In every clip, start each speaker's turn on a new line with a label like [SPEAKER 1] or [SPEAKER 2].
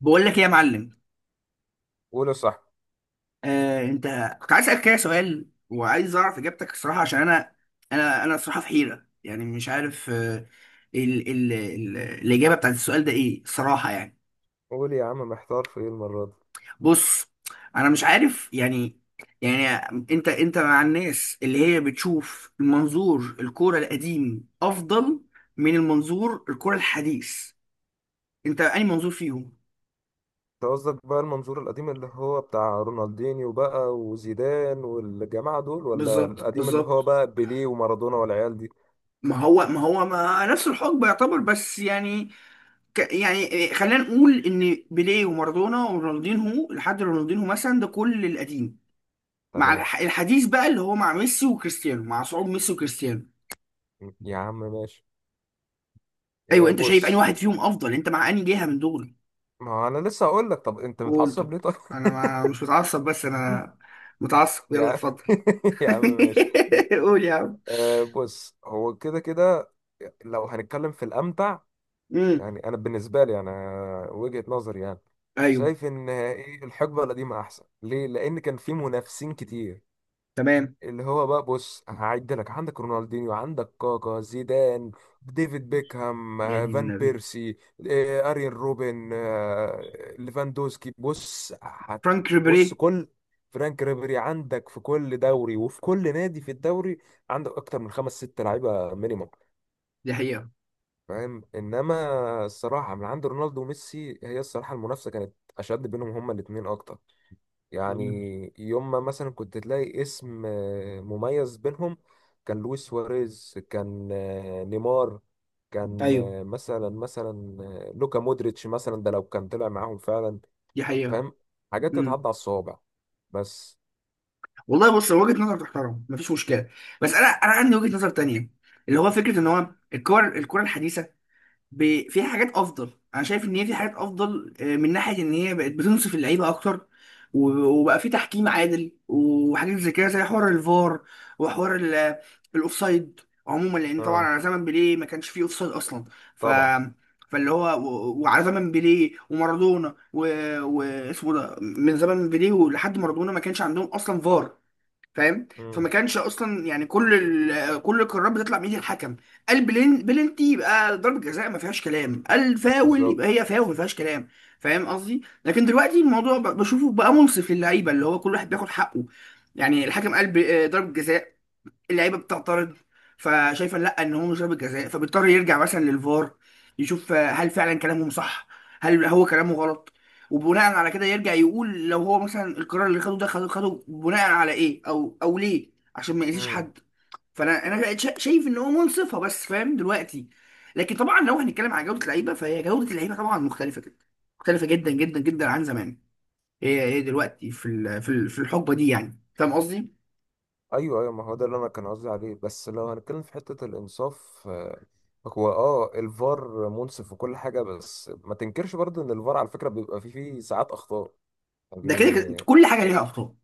[SPEAKER 1] بقول لك ايه يا معلم؟
[SPEAKER 2] قول يا صاحبي.
[SPEAKER 1] آه انت، كنت عايز اسالك كده سؤال وعايز اعرف اجابتك الصراحه عشان انا، انا الصراحه في حيره، مش عارف آه ال ال ال الاجابه بتاعت السؤال ده ايه الصراحه يعني.
[SPEAKER 2] قول يا عم، محتار في ايه المرة دي؟
[SPEAKER 1] بص، انا مش عارف يعني. يعني انت مع الناس اللي هي بتشوف المنظور الكوره القديم افضل من المنظور الكوره الحديث، انت اي منظور فيهم؟
[SPEAKER 2] انت قصدك بقى المنظور القديم اللي هو بتاع رونالدينيو بقى وزيدان والجماعة دول، ولا
[SPEAKER 1] بالظبط
[SPEAKER 2] القديم اللي هو
[SPEAKER 1] بالظبط.
[SPEAKER 2] بقى بيليه ومارادونا والعيال دي؟
[SPEAKER 1] ما هو ما هو ما نفس الحقبه يعتبر بس يعني خلينا نقول ان بيليه ومارادونا ورونالدينهو لحد رونالدينهو مثلا ده كل القديم، مع
[SPEAKER 2] تمام.
[SPEAKER 1] الحديث بقى اللي هو مع ميسي وكريستيانو، مع صعود ميسي وكريستيانو.
[SPEAKER 2] يا عم ماشي.
[SPEAKER 1] ايوه،
[SPEAKER 2] آه،
[SPEAKER 1] انت شايف انهي
[SPEAKER 2] بص.
[SPEAKER 1] واحد فيهم افضل؟ انت مع انهي جهه من دول؟
[SPEAKER 2] ما هو انا لسه هقول لك. طب انت
[SPEAKER 1] قول.
[SPEAKER 2] متعصب
[SPEAKER 1] طب
[SPEAKER 2] ليه طيب؟
[SPEAKER 1] انا ما مش متعصب بس انا متعصب، يلا
[SPEAKER 2] يا
[SPEAKER 1] اتفضل.
[SPEAKER 2] يا عم ماشي.
[SPEAKER 1] قول يا عم.
[SPEAKER 2] آه، بص هو كده كده لو هنتكلم في الأمتع
[SPEAKER 1] امم
[SPEAKER 2] يعني. انا بالنسبه لي انا وجهه نظري يعني
[SPEAKER 1] ايوه،
[SPEAKER 2] شايف ان ايه، الحقبه القديمه احسن، ليه؟ لان كان في منافسين كتير.
[SPEAKER 1] تمام،
[SPEAKER 2] اللي هو بقى بص هعد لك: عندك رونالدينيو، عندك كاكا، زيدان، ديفيد بيكهام،
[SPEAKER 1] يا دين
[SPEAKER 2] فان
[SPEAKER 1] النبي،
[SPEAKER 2] بيرسي، اريان روبن، ليفاندوسكي. بص هت
[SPEAKER 1] فرانك
[SPEAKER 2] بص
[SPEAKER 1] ريبيري،
[SPEAKER 2] كل فرانك ريبيري، عندك في كل دوري وفي كل نادي في الدوري عندك اكتر من خمس ست لعيبه مينيمم.
[SPEAKER 1] دي حقيقه.
[SPEAKER 2] فاهم؟ انما الصراحه من عند رونالدو وميسي، هي الصراحه المنافسه كانت اشد بينهم هما الاثنين اكتر
[SPEAKER 1] مم.
[SPEAKER 2] يعني. يوم ما مثلا كنت تلاقي اسم مميز بينهم، كان لويس سواريز، كان نيمار، كان
[SPEAKER 1] ايوه،
[SPEAKER 2] آه، مثلا مثلا آه، لوكا مودريتش مثلا، ده لو كان طلع معاهم فعلا.
[SPEAKER 1] دي حقيقه
[SPEAKER 2] فاهم؟ حاجات تتعدى على الصوابع بس.
[SPEAKER 1] والله. بص، هو وجهه نظر تحترم مفيش مشكله، بس انا عندي وجهه نظر تانية، اللي هو فكره ان هو الكره الحديثه فيها حاجات افضل. انا شايف ان هي في حاجات افضل من ناحيه ان هي بقت بتنصف اللعيبه اكتر، وبقى في تحكيم عادل وحاجات زي كده، زي حوار الفار وحوار الاوفسايد عموما، لان طبعا
[SPEAKER 2] اه
[SPEAKER 1] على زمن بيليه ما كانش فيه اوفسايد اصلا. ف
[SPEAKER 2] طبعا.
[SPEAKER 1] فاللي هو و- وعلى زمن بيليه ومارادونا واسمه ده، من زمن بيليه ولحد مارادونا ما كانش عندهم اصلا فار، فاهم؟ فما
[SPEAKER 2] امم.
[SPEAKER 1] كانش اصلا يعني كل القرارات بتطلع من ايد الحكم. قال بلنتي يبقى ضربة جزاء ما فيهاش كلام، قال فاول
[SPEAKER 2] بالظبط.
[SPEAKER 1] يبقى هي فاول ما فيهاش كلام، فاهم قصدي؟ لكن دلوقتي الموضوع بشوفه بقى منصف للعيبه، اللي هو كل واحد بياخد حقه. يعني الحكم قال ب... آه، ضربة جزاء، اللعيبه بتعترض فشايفه لا، ان هو مش ضربه جزاء، فبيضطر يرجع مثلا للفار يشوف هل فعلا كلامهم صح، هل هو كلامه غلط، وبناء على كده يرجع يقول لو هو مثلا القرار اللي خده خده بناء على ايه، او ليه، عشان ما يأذيش
[SPEAKER 2] امم.
[SPEAKER 1] حد. فانا بقيت شايف ان هو منصفه بس، فاهم دلوقتي؟ لكن طبعا لو هنتكلم على جوده اللعيبه، فهي جوده اللعيبه طبعا مختلفه جدا، مختلفه جدا جدا جدا عن زمان. هي دلوقتي في في الحقبه دي، يعني فاهم قصدي؟
[SPEAKER 2] ايوه ايوه، ما هو ده اللي انا كان قصدي عليه. بس لو هنتكلم في حته الانصاف، هو اه الفار منصف وكل حاجه، بس ما تنكرش برضه ان الفار على فكره بيبقى فيه ساعات اخطاء
[SPEAKER 1] ده كده كده
[SPEAKER 2] يعني.
[SPEAKER 1] كل حاجه ليها اخطاء،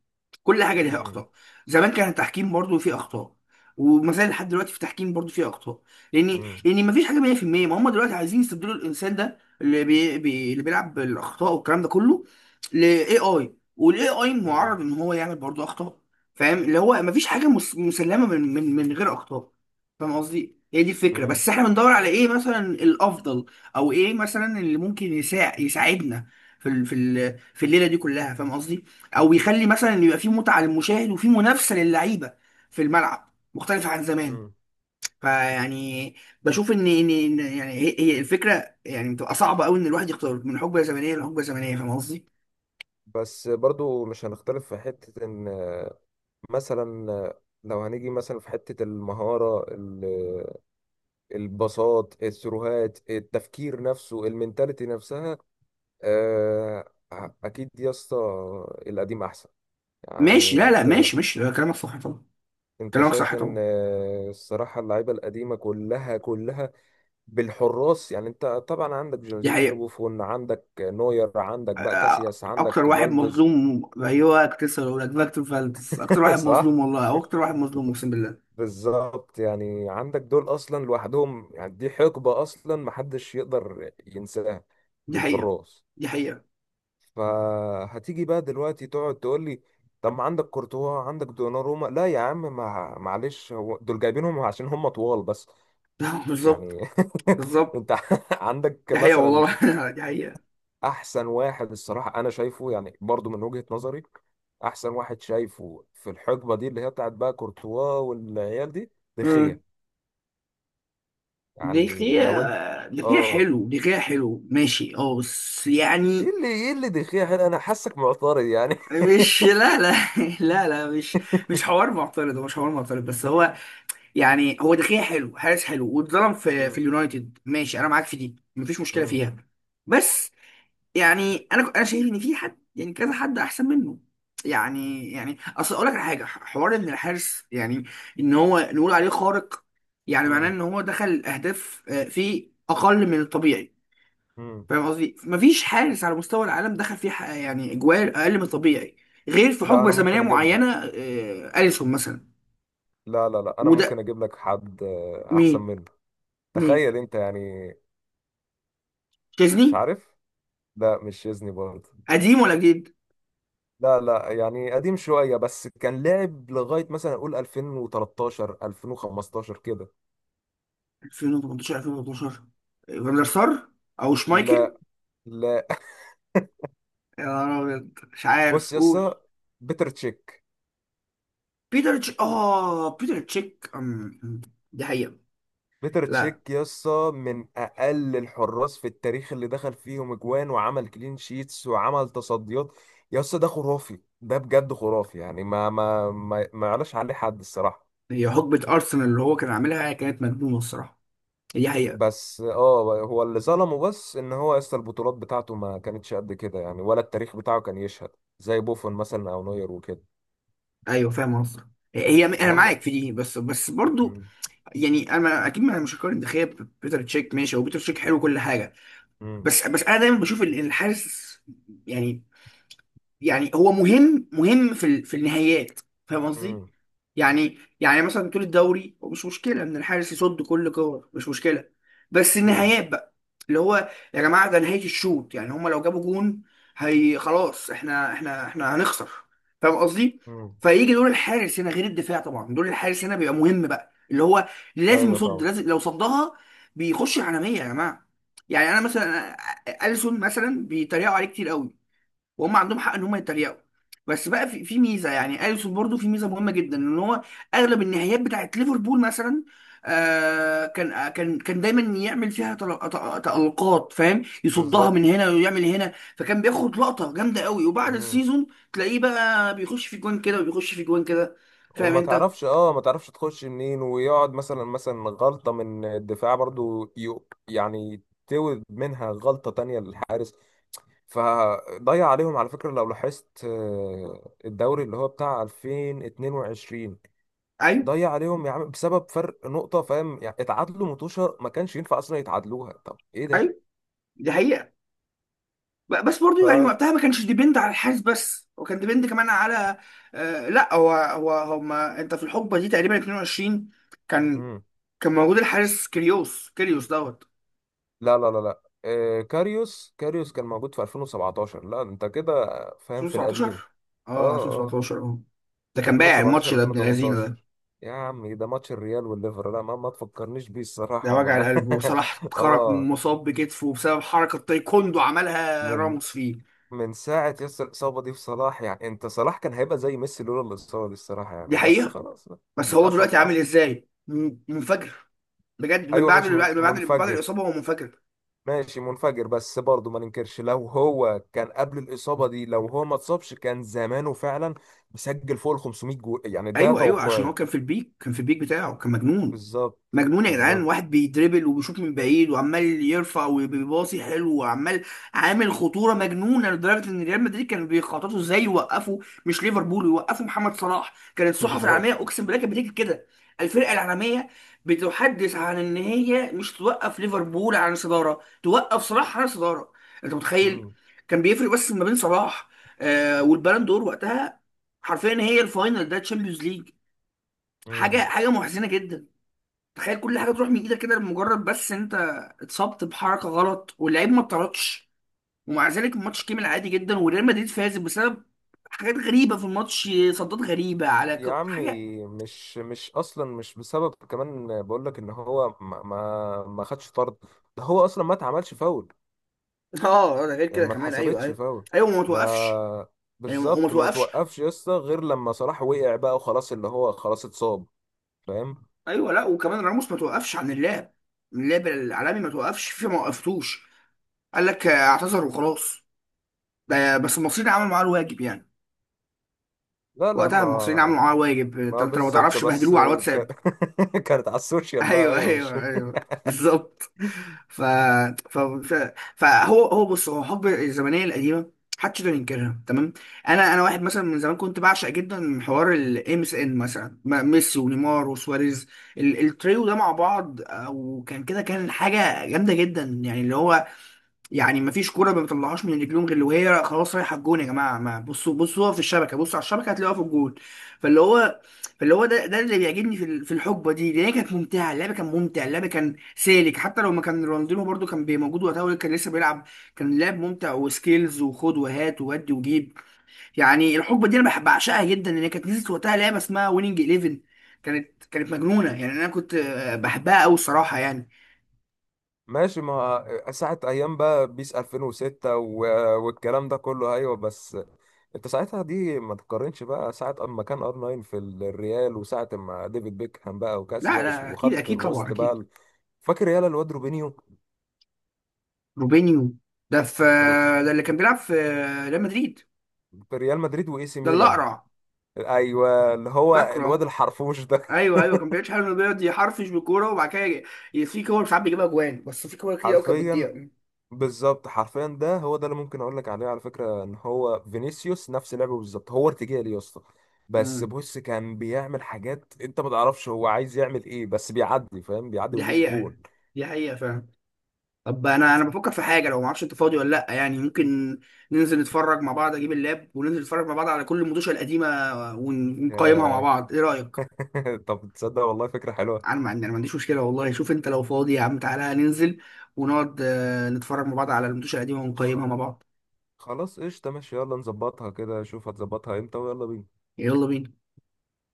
[SPEAKER 1] كل حاجه ليها
[SPEAKER 2] مم،
[SPEAKER 1] اخطاء. زمان كان التحكيم برضو فيه اخطاء، وما زال لحد دلوقتي في التحكيم برضو فيه اخطاء، لان
[SPEAKER 2] مم،
[SPEAKER 1] لان ما فيش حاجه 100%. ما هم دلوقتي عايزين يستبدلوا الانسان ده اللي اللي بيلعب بالاخطاء والكلام ده كله، لاي اي، والاي اي
[SPEAKER 2] مم،
[SPEAKER 1] معرض ان هو يعمل برضو اخطاء، فاهم؟ اللي هو ما فيش حاجه مسلمه من غير اخطاء، فاهم قصدي؟ هي دي الفكره،
[SPEAKER 2] مم،
[SPEAKER 1] بس احنا بندور على ايه مثلا الافضل، او ايه مثلا اللي ممكن يساعدنا في في الليله دي كلها، فاهم قصدي؟ او يخلي مثلا إن يبقى في متعه للمشاهد وفي منافسه للعيبه في الملعب مختلف عن زمان.
[SPEAKER 2] مم.
[SPEAKER 1] فيعني بشوف ان ان إن يعني هي هي الفكره يعني بتبقى صعبه قوي، ان الواحد يختار من حقبه زمنيه لحقبه زمنيه، فاهم قصدي؟
[SPEAKER 2] بس برضه مش هنختلف في حته ان آه، مثلا آه، لو هنيجي مثلا في حته المهاره، البساط، الثروهات، التفكير نفسه، المنتاليتي نفسها، آه، اكيد يا اسطى القديم احسن
[SPEAKER 1] ماشي،
[SPEAKER 2] يعني.
[SPEAKER 1] لا
[SPEAKER 2] انت
[SPEAKER 1] ماشي ماشي، لا، كلامك صح طبعا،
[SPEAKER 2] انت
[SPEAKER 1] كلامك
[SPEAKER 2] شايف
[SPEAKER 1] صح
[SPEAKER 2] ان
[SPEAKER 1] طبعا،
[SPEAKER 2] الصراحه اللعيبه القديمه كلها كلها بالحراس يعني. انت طبعا عندك
[SPEAKER 1] دي
[SPEAKER 2] جورجينيو،
[SPEAKER 1] حقيقه.
[SPEAKER 2] بوفون، عندك نوير، عندك بقى
[SPEAKER 1] أ-
[SPEAKER 2] كاسياس،
[SPEAKER 1] اكتر
[SPEAKER 2] عندك
[SPEAKER 1] واحد
[SPEAKER 2] فالديز.
[SPEAKER 1] مظلوم، ايوه كنت لسه هقول لك، فاكتور فالدز اكتر واحد
[SPEAKER 2] صح.
[SPEAKER 1] مظلوم والله، او اكتر واحد مظلوم اقسم بالله.
[SPEAKER 2] بالظبط يعني. عندك دول اصلا لوحدهم، يعني دي حقبه اصلا محدش يقدر ينساها
[SPEAKER 1] دي حقيقه،
[SPEAKER 2] للحراس.
[SPEAKER 1] دي حقيقه.
[SPEAKER 2] فهتيجي بقى دلوقتي تقعد تقول لي طب ما عندك كورتوا، عندك دوناروما. لا يا عم، ما معلش، هو دول جايبينهم عشان هم طوال بس
[SPEAKER 1] بالظبط
[SPEAKER 2] يعني.
[SPEAKER 1] بالظبط،
[SPEAKER 2] انت عندك
[SPEAKER 1] دي حقيقه
[SPEAKER 2] مثلا
[SPEAKER 1] والله. دي حقيقه.
[SPEAKER 2] احسن واحد الصراحه انا شايفه، يعني برضو من وجهه نظري احسن واحد شايفه في الحقبه دي، اللي هي بتاعت بقى كورتوا والعيال دي، دخيه يعني. لو انت
[SPEAKER 1] دخية، دخية
[SPEAKER 2] اه،
[SPEAKER 1] حلو، دخية حلو ماشي، اه بس
[SPEAKER 2] ايه
[SPEAKER 1] يعني.
[SPEAKER 2] اللي، ايه اللي دخيه هنا؟ انا حاسك معترض يعني.
[SPEAKER 1] مش، لا لا، لا لا، مش، مش حوار معترض، هو مش حوار معترض، بس هو يعني، هو دخية حلو، حارس حلو، واتظلم في في
[SPEAKER 2] مم.
[SPEAKER 1] اليونايتد، ماشي انا معاك في دي، مفيش مشكلة
[SPEAKER 2] مم.
[SPEAKER 1] فيها. بس يعني انا شايف ان في حد يعني كذا حد احسن منه. يعني اصل اقول لك على حاجة، حوار ان الحارس يعني، ان هو نقول عليه خارق، يعني معناه
[SPEAKER 2] مم.
[SPEAKER 1] ان هو دخل اهداف في اقل من الطبيعي.
[SPEAKER 2] مم.
[SPEAKER 1] فاهم قصدي؟ مفيش حارس على مستوى العالم دخل فيه يعني اجوال اقل من الطبيعي غير في
[SPEAKER 2] لا
[SPEAKER 1] حقبه
[SPEAKER 2] انا
[SPEAKER 1] زمنيه
[SPEAKER 2] ممكن اجيب
[SPEAKER 1] معينه،
[SPEAKER 2] لك،
[SPEAKER 1] اليسون مثلا.
[SPEAKER 2] لا انا ممكن
[SPEAKER 1] وده
[SPEAKER 2] اجيب لك حد احسن
[SPEAKER 1] مين؟
[SPEAKER 2] منه.
[SPEAKER 1] مين؟
[SPEAKER 2] تخيل انت يعني.
[SPEAKER 1] تشيزني؟
[SPEAKER 2] مش عارف. لا مش شيزني برضه.
[SPEAKER 1] قديم ولا جديد؟
[SPEAKER 2] لا يعني قديم شوية، بس كان لعب لغاية مثلا أقول 2013 2015 كده.
[SPEAKER 1] 2018، 2013؟ فاندر سار، او شمايكل؟
[SPEAKER 2] لا لا
[SPEAKER 1] يا نهار أبيض. مش
[SPEAKER 2] بص
[SPEAKER 1] عارف،
[SPEAKER 2] يا اسطى،
[SPEAKER 1] قول.
[SPEAKER 2] بيتر تشيك.
[SPEAKER 1] بيتر اه، بيتر تشيك، أم، أم. دي حقيقه.
[SPEAKER 2] بيتر
[SPEAKER 1] لا،
[SPEAKER 2] تشيك يا اسطى من أقل الحراس في التاريخ اللي دخل فيهم أجوان وعمل كلين شيتس وعمل تصديات. يا اسطى ده خرافي، ده بجد خرافي يعني، ما يعلاش عليه حد الصراحة.
[SPEAKER 1] هي حقبه ارسنال اللي هو كان عاملها كانت مجنونه الصراحه، دي حقيقه.
[SPEAKER 2] بس اه، هو اللي ظلمه بس ان هو يا اسطى البطولات بتاعته ما كانتش قد كده يعني، ولا التاريخ بتاعه كان يشهد زي بوفون مثلا او نوير وكده.
[SPEAKER 1] ايوه فاهم قصدك، هي انا
[SPEAKER 2] نعم.
[SPEAKER 1] معاك في دي بس، برضو
[SPEAKER 2] مم.
[SPEAKER 1] يعني انا اكيد مش هقارن دخيا ببيتر تشيك، ماشي هو بيتر تشيك حلو كل حاجه.
[SPEAKER 2] مم.
[SPEAKER 1] بس انا دايما بشوف الحارس يعني، يعني هو مهم في في النهايات، فاهم قصدي؟
[SPEAKER 2] مم.
[SPEAKER 1] يعني مثلا طول الدوري هو مش مشكله ان الحارس يصد كل كور، مش مشكله. بس
[SPEAKER 2] مم.
[SPEAKER 1] النهايات بقى، اللي هو يا جماعه ده نهايه الشوط، يعني هما لو جابوا جون هي خلاص احنا هنخسر، فاهم قصدي؟
[SPEAKER 2] مم.
[SPEAKER 1] فيجي دور الحارس هنا غير الدفاع، طبعا دور الحارس هنا بيبقى مهم بقى، اللي هو لازم
[SPEAKER 2] ايوه
[SPEAKER 1] يصد،
[SPEAKER 2] طبعا.
[SPEAKER 1] لازم، لو صدها بيخش العالميه يا جماعه. يعني انا مثلا اليسون مثلا بيتريقوا عليه كتير قوي، وهم عندهم حق ان هم يتريقوا. بس بقى في ميزه، يعني اليسون برضو في ميزه مهمه جدا، ان هو اغلب النهايات بتاعت ليفربول مثلا، كان دايما يعمل فيها تألقات، فاهم؟ يصدها
[SPEAKER 2] بالظبط.
[SPEAKER 1] من هنا ويعمل هنا، فكان بياخد لقطه جامده قوي. وبعد
[SPEAKER 2] مم.
[SPEAKER 1] السيزون تلاقيه بقى بيخش في جوان كده وبيخش في جوان كده، فاهم
[SPEAKER 2] وما
[SPEAKER 1] انت؟
[SPEAKER 2] تعرفش، اه ما تعرفش تخش منين، ويقعد مثلا، غلطة من الدفاع برضو يو يعني تولد منها غلطة تانية للحارس. فضيع عليهم على فكرة لو لاحظت، الدوري اللي هو بتاع 2022
[SPEAKER 1] ايوه
[SPEAKER 2] ضيع عليهم يا عم بسبب فرق نقطة. فاهم يعني؟ اتعادلوا متوشة، ما كانش ينفع اصلا يتعادلوها. طب ايه ده؟
[SPEAKER 1] ايوه، دي حقيقه. بس
[SPEAKER 2] ف
[SPEAKER 1] برضو يعني وقتها ما كانش ديبند على الحارس بس، هو كان ديبند كمان على، لا هو هو هما انت في الحقبه دي تقريبا 22، كان كان موجود الحارس كيريوس، كيريوس دوت
[SPEAKER 2] لا، آه كاريوس، كاريوس كان موجود في 2017، لا انت كده فاهم في
[SPEAKER 1] 2017.
[SPEAKER 2] القديم. اه
[SPEAKER 1] اه
[SPEAKER 2] اه
[SPEAKER 1] 2017، اه. ده كان بايع الماتش
[SPEAKER 2] 2017
[SPEAKER 1] ده ابن اللذينه ده،
[SPEAKER 2] 2018. يا عم ده ماتش الريال والليفر، لا ما تفكرنيش بيه
[SPEAKER 1] ده
[SPEAKER 2] الصراحة.
[SPEAKER 1] وجع
[SPEAKER 2] ما
[SPEAKER 1] القلب. وصلاح اتخرج
[SPEAKER 2] اه.
[SPEAKER 1] مصاب بكتفه بسبب حركه تايكوندو عملها
[SPEAKER 2] من
[SPEAKER 1] راموس فيه،
[SPEAKER 2] من ساعة يس الإصابة دي في صلاح يعني، انت صلاح كان هيبقى زي ميسي لولا الإصابة دي الصراحة
[SPEAKER 1] دي
[SPEAKER 2] يعني، بس
[SPEAKER 1] حقيقه.
[SPEAKER 2] خلاص بقى.
[SPEAKER 1] بس
[SPEAKER 2] اللي
[SPEAKER 1] هو
[SPEAKER 2] حصل
[SPEAKER 1] دلوقتي عامل
[SPEAKER 2] حصل.
[SPEAKER 1] ازاي! منفجر بجد.
[SPEAKER 2] ايوه ماشي،
[SPEAKER 1] من بعد
[SPEAKER 2] منفجر،
[SPEAKER 1] الاصابه هو منفجر.
[SPEAKER 2] ماشي منفجر، بس برضه ما ننكرش لو هو كان قبل الإصابة دي، لو هو ما اتصابش كان زمانه فعلا مسجل فوق ال 500 جول يعني، ده
[SPEAKER 1] ايوه ايوه، عشان هو
[SPEAKER 2] توقعي.
[SPEAKER 1] كان في البيك، بتاعه كان مجنون،
[SPEAKER 2] بالظبط.
[SPEAKER 1] مجنون يا جدعان.
[SPEAKER 2] بالظبط.
[SPEAKER 1] واحد بيدربل وبيشوط من بعيد وعمال يرفع، وبيباصي حلو وعمال، عامل خطوره مجنونه لدرجه ان ريال مدريد كانوا بيخططوا ازاي يوقفوا، مش ليفربول، يوقفوا محمد صلاح. كانت الصحف
[SPEAKER 2] بالظبط.
[SPEAKER 1] العالميه اقسم بالله كانت بتكتب كده، الفرقه العالميه بتحدث عن ان هي مش توقف ليفربول عن الصداره، توقف صلاح عن الصداره، انت متخيل؟
[SPEAKER 2] مم.
[SPEAKER 1] كان بيفرق بس ما بين صلاح والبالون دور وقتها حرفيا، هي الفاينل ده تشامبيونز ليج.
[SPEAKER 2] مم.
[SPEAKER 1] حاجه محزنه جدا، تخيل كل حاجه تروح من ايدك كده لمجرد بس انت اتصبت بحركه غلط، واللعيب ما اتطردش، ومع ذلك الماتش كمل عادي جدا، وريال مدريد فاز بسبب حاجات غريبه في الماتش، صدات غريبه على
[SPEAKER 2] يا
[SPEAKER 1] حاجه.
[SPEAKER 2] عمي مش اصلا مش بسبب كمان، بقول لك ان هو ما خدش طرد، ده هو اصلا ما اتعملش فاول
[SPEAKER 1] اه ده غير
[SPEAKER 2] يعني،
[SPEAKER 1] كده
[SPEAKER 2] ما
[SPEAKER 1] كمان، ايوه
[SPEAKER 2] اتحسبتش
[SPEAKER 1] ايوه
[SPEAKER 2] فاول
[SPEAKER 1] ايوه. وما
[SPEAKER 2] ده.
[SPEAKER 1] توقفش، يعني وما
[SPEAKER 2] بالظبط. ما
[SPEAKER 1] توقفش.
[SPEAKER 2] توقفش يسطا غير لما صلاح وقع بقى وخلاص، اللي هو خلاص اتصاب. فاهم؟
[SPEAKER 1] ايوه، لا وكمان راموس ما توقفش عن اللعب، اللعب العالمي ما توقفش في ما وقفتوش. قال لك اعتذر وخلاص. بس المصريين عملوا معاه الواجب يعني،
[SPEAKER 2] لا لا
[SPEAKER 1] وقتها المصريين عملوا
[SPEAKER 2] ما
[SPEAKER 1] معاه الواجب. انت،
[SPEAKER 2] ما
[SPEAKER 1] أنت لو ما
[SPEAKER 2] بالظبط
[SPEAKER 1] تعرفش،
[SPEAKER 2] بس
[SPEAKER 1] بهدلوه على
[SPEAKER 2] ك...
[SPEAKER 1] الواتساب.
[SPEAKER 2] كانت على السوشيال بقى،
[SPEAKER 1] ايوه
[SPEAKER 2] ايوه مش
[SPEAKER 1] ايوه ايوه، بالظبط. ف... ف... ف... فهو هو بص، هو حب الزمنيه القديمه محدش يقدر ينكرها، تمام. انا واحد مثلا من زمان كنت بعشق جدا حوار الام اس ان مثلا، ميسي ونيمار وسواريز، التريو ده مع بعض، وكان كده كان حاجه جامده جدا، يعني اللي هو يعني ما فيش كوره ما بيطلعوهاش من رجليهم غير وهي خلاص رايحه الجون يا جماعه. ما بصوا، بصوا في الشبكه، بصوا على الشبكه هتلاقوها في الجون. فاللي هو فاللي هو ده ده اللي بيعجبني في في الحقبه دي، لان هي كانت ممتعه، اللعب كان ممتع، اللعب كان سالك، حتى لو ما كان رونالدينو برده كان موجود وقتها، ولا كان لسه بيلعب، كان اللعب ممتع، وسكيلز، وخد وهات، وودي وجيب. يعني الحقبه دي انا بحب بعشقها جدا، لان هي كانت نزلت وقتها لعبه اسمها ويننج 11، كانت مجنونه يعني، انا كنت بحبها قوي الصراحه يعني.
[SPEAKER 2] ماشي، ما ساعة ايام بقى بيس 2006 و... والكلام ده كله، ايوه. بس انت ساعتها دي ما تقارنش بقى ساعة اما كان ار 9 في الريال، وساعة ما ديفيد بيكهام بقى
[SPEAKER 1] لا
[SPEAKER 2] وكاسياس
[SPEAKER 1] لا، اكيد
[SPEAKER 2] وخط
[SPEAKER 1] اكيد طبعا،
[SPEAKER 2] الوسط بقى
[SPEAKER 1] اكيد.
[SPEAKER 2] فاكر يالا الواد روبينيو؟
[SPEAKER 1] روبينيو، ده في،
[SPEAKER 2] رو-
[SPEAKER 1] ده اللي كان بيلعب في ريال مدريد.
[SPEAKER 2] في ريال مدريد واي سي
[SPEAKER 1] ده اللي
[SPEAKER 2] ميلان.
[SPEAKER 1] اقرع،
[SPEAKER 2] ايوه اللي هو الواد
[SPEAKER 1] فاكره؟
[SPEAKER 2] الحرفوش ده.
[SPEAKER 1] ايوه ايوه، كان بيعيش حاله انه بيقعد يحرفش بالكوره وبعد كده في كور ساعات بيجيبها جوان، بس في كور كتير قوي كانت
[SPEAKER 2] حرفيا.
[SPEAKER 1] بتضيع.
[SPEAKER 2] بالظبط حرفيا، ده هو ده اللي ممكن اقول لك عليه على فكره، ان هو فينيسيوس نفس لعبه بالظبط. هو ارتجالي يا اسطى، بس
[SPEAKER 1] امم
[SPEAKER 2] بص كان بيعمل حاجات انت ما تعرفش هو عايز يعمل ايه، بس بيعدي فاهم، بيعدي
[SPEAKER 1] دي
[SPEAKER 2] ويجيب
[SPEAKER 1] حقيقه،
[SPEAKER 2] جول.
[SPEAKER 1] دي حقيقه فعلا. طب انا بفكر في حاجه لو ما اعرفش انت فاضي ولا لا، يعني ممكن ننزل نتفرج مع بعض، اجيب اللاب وننزل نتفرج مع بعض على كل المدوشه القديمه، ونقيمها مع
[SPEAKER 2] آه،
[SPEAKER 1] بعض، ايه رايك؟
[SPEAKER 2] طب تصدق والله فكره حلوه.
[SPEAKER 1] انا ما عندي، انا ما عنديش مشكله والله. شوف انت لو فاضي يا عم تعالى ننزل ونقعد نتفرج مع بعض على الماتشات القديمه ونقيمها
[SPEAKER 2] خ-
[SPEAKER 1] مع بعض.
[SPEAKER 2] خلاص قشطه ماشي، يلا نظبطها كده، شوف هتظبطها امتى ويلا بينا.
[SPEAKER 1] يلا بينا.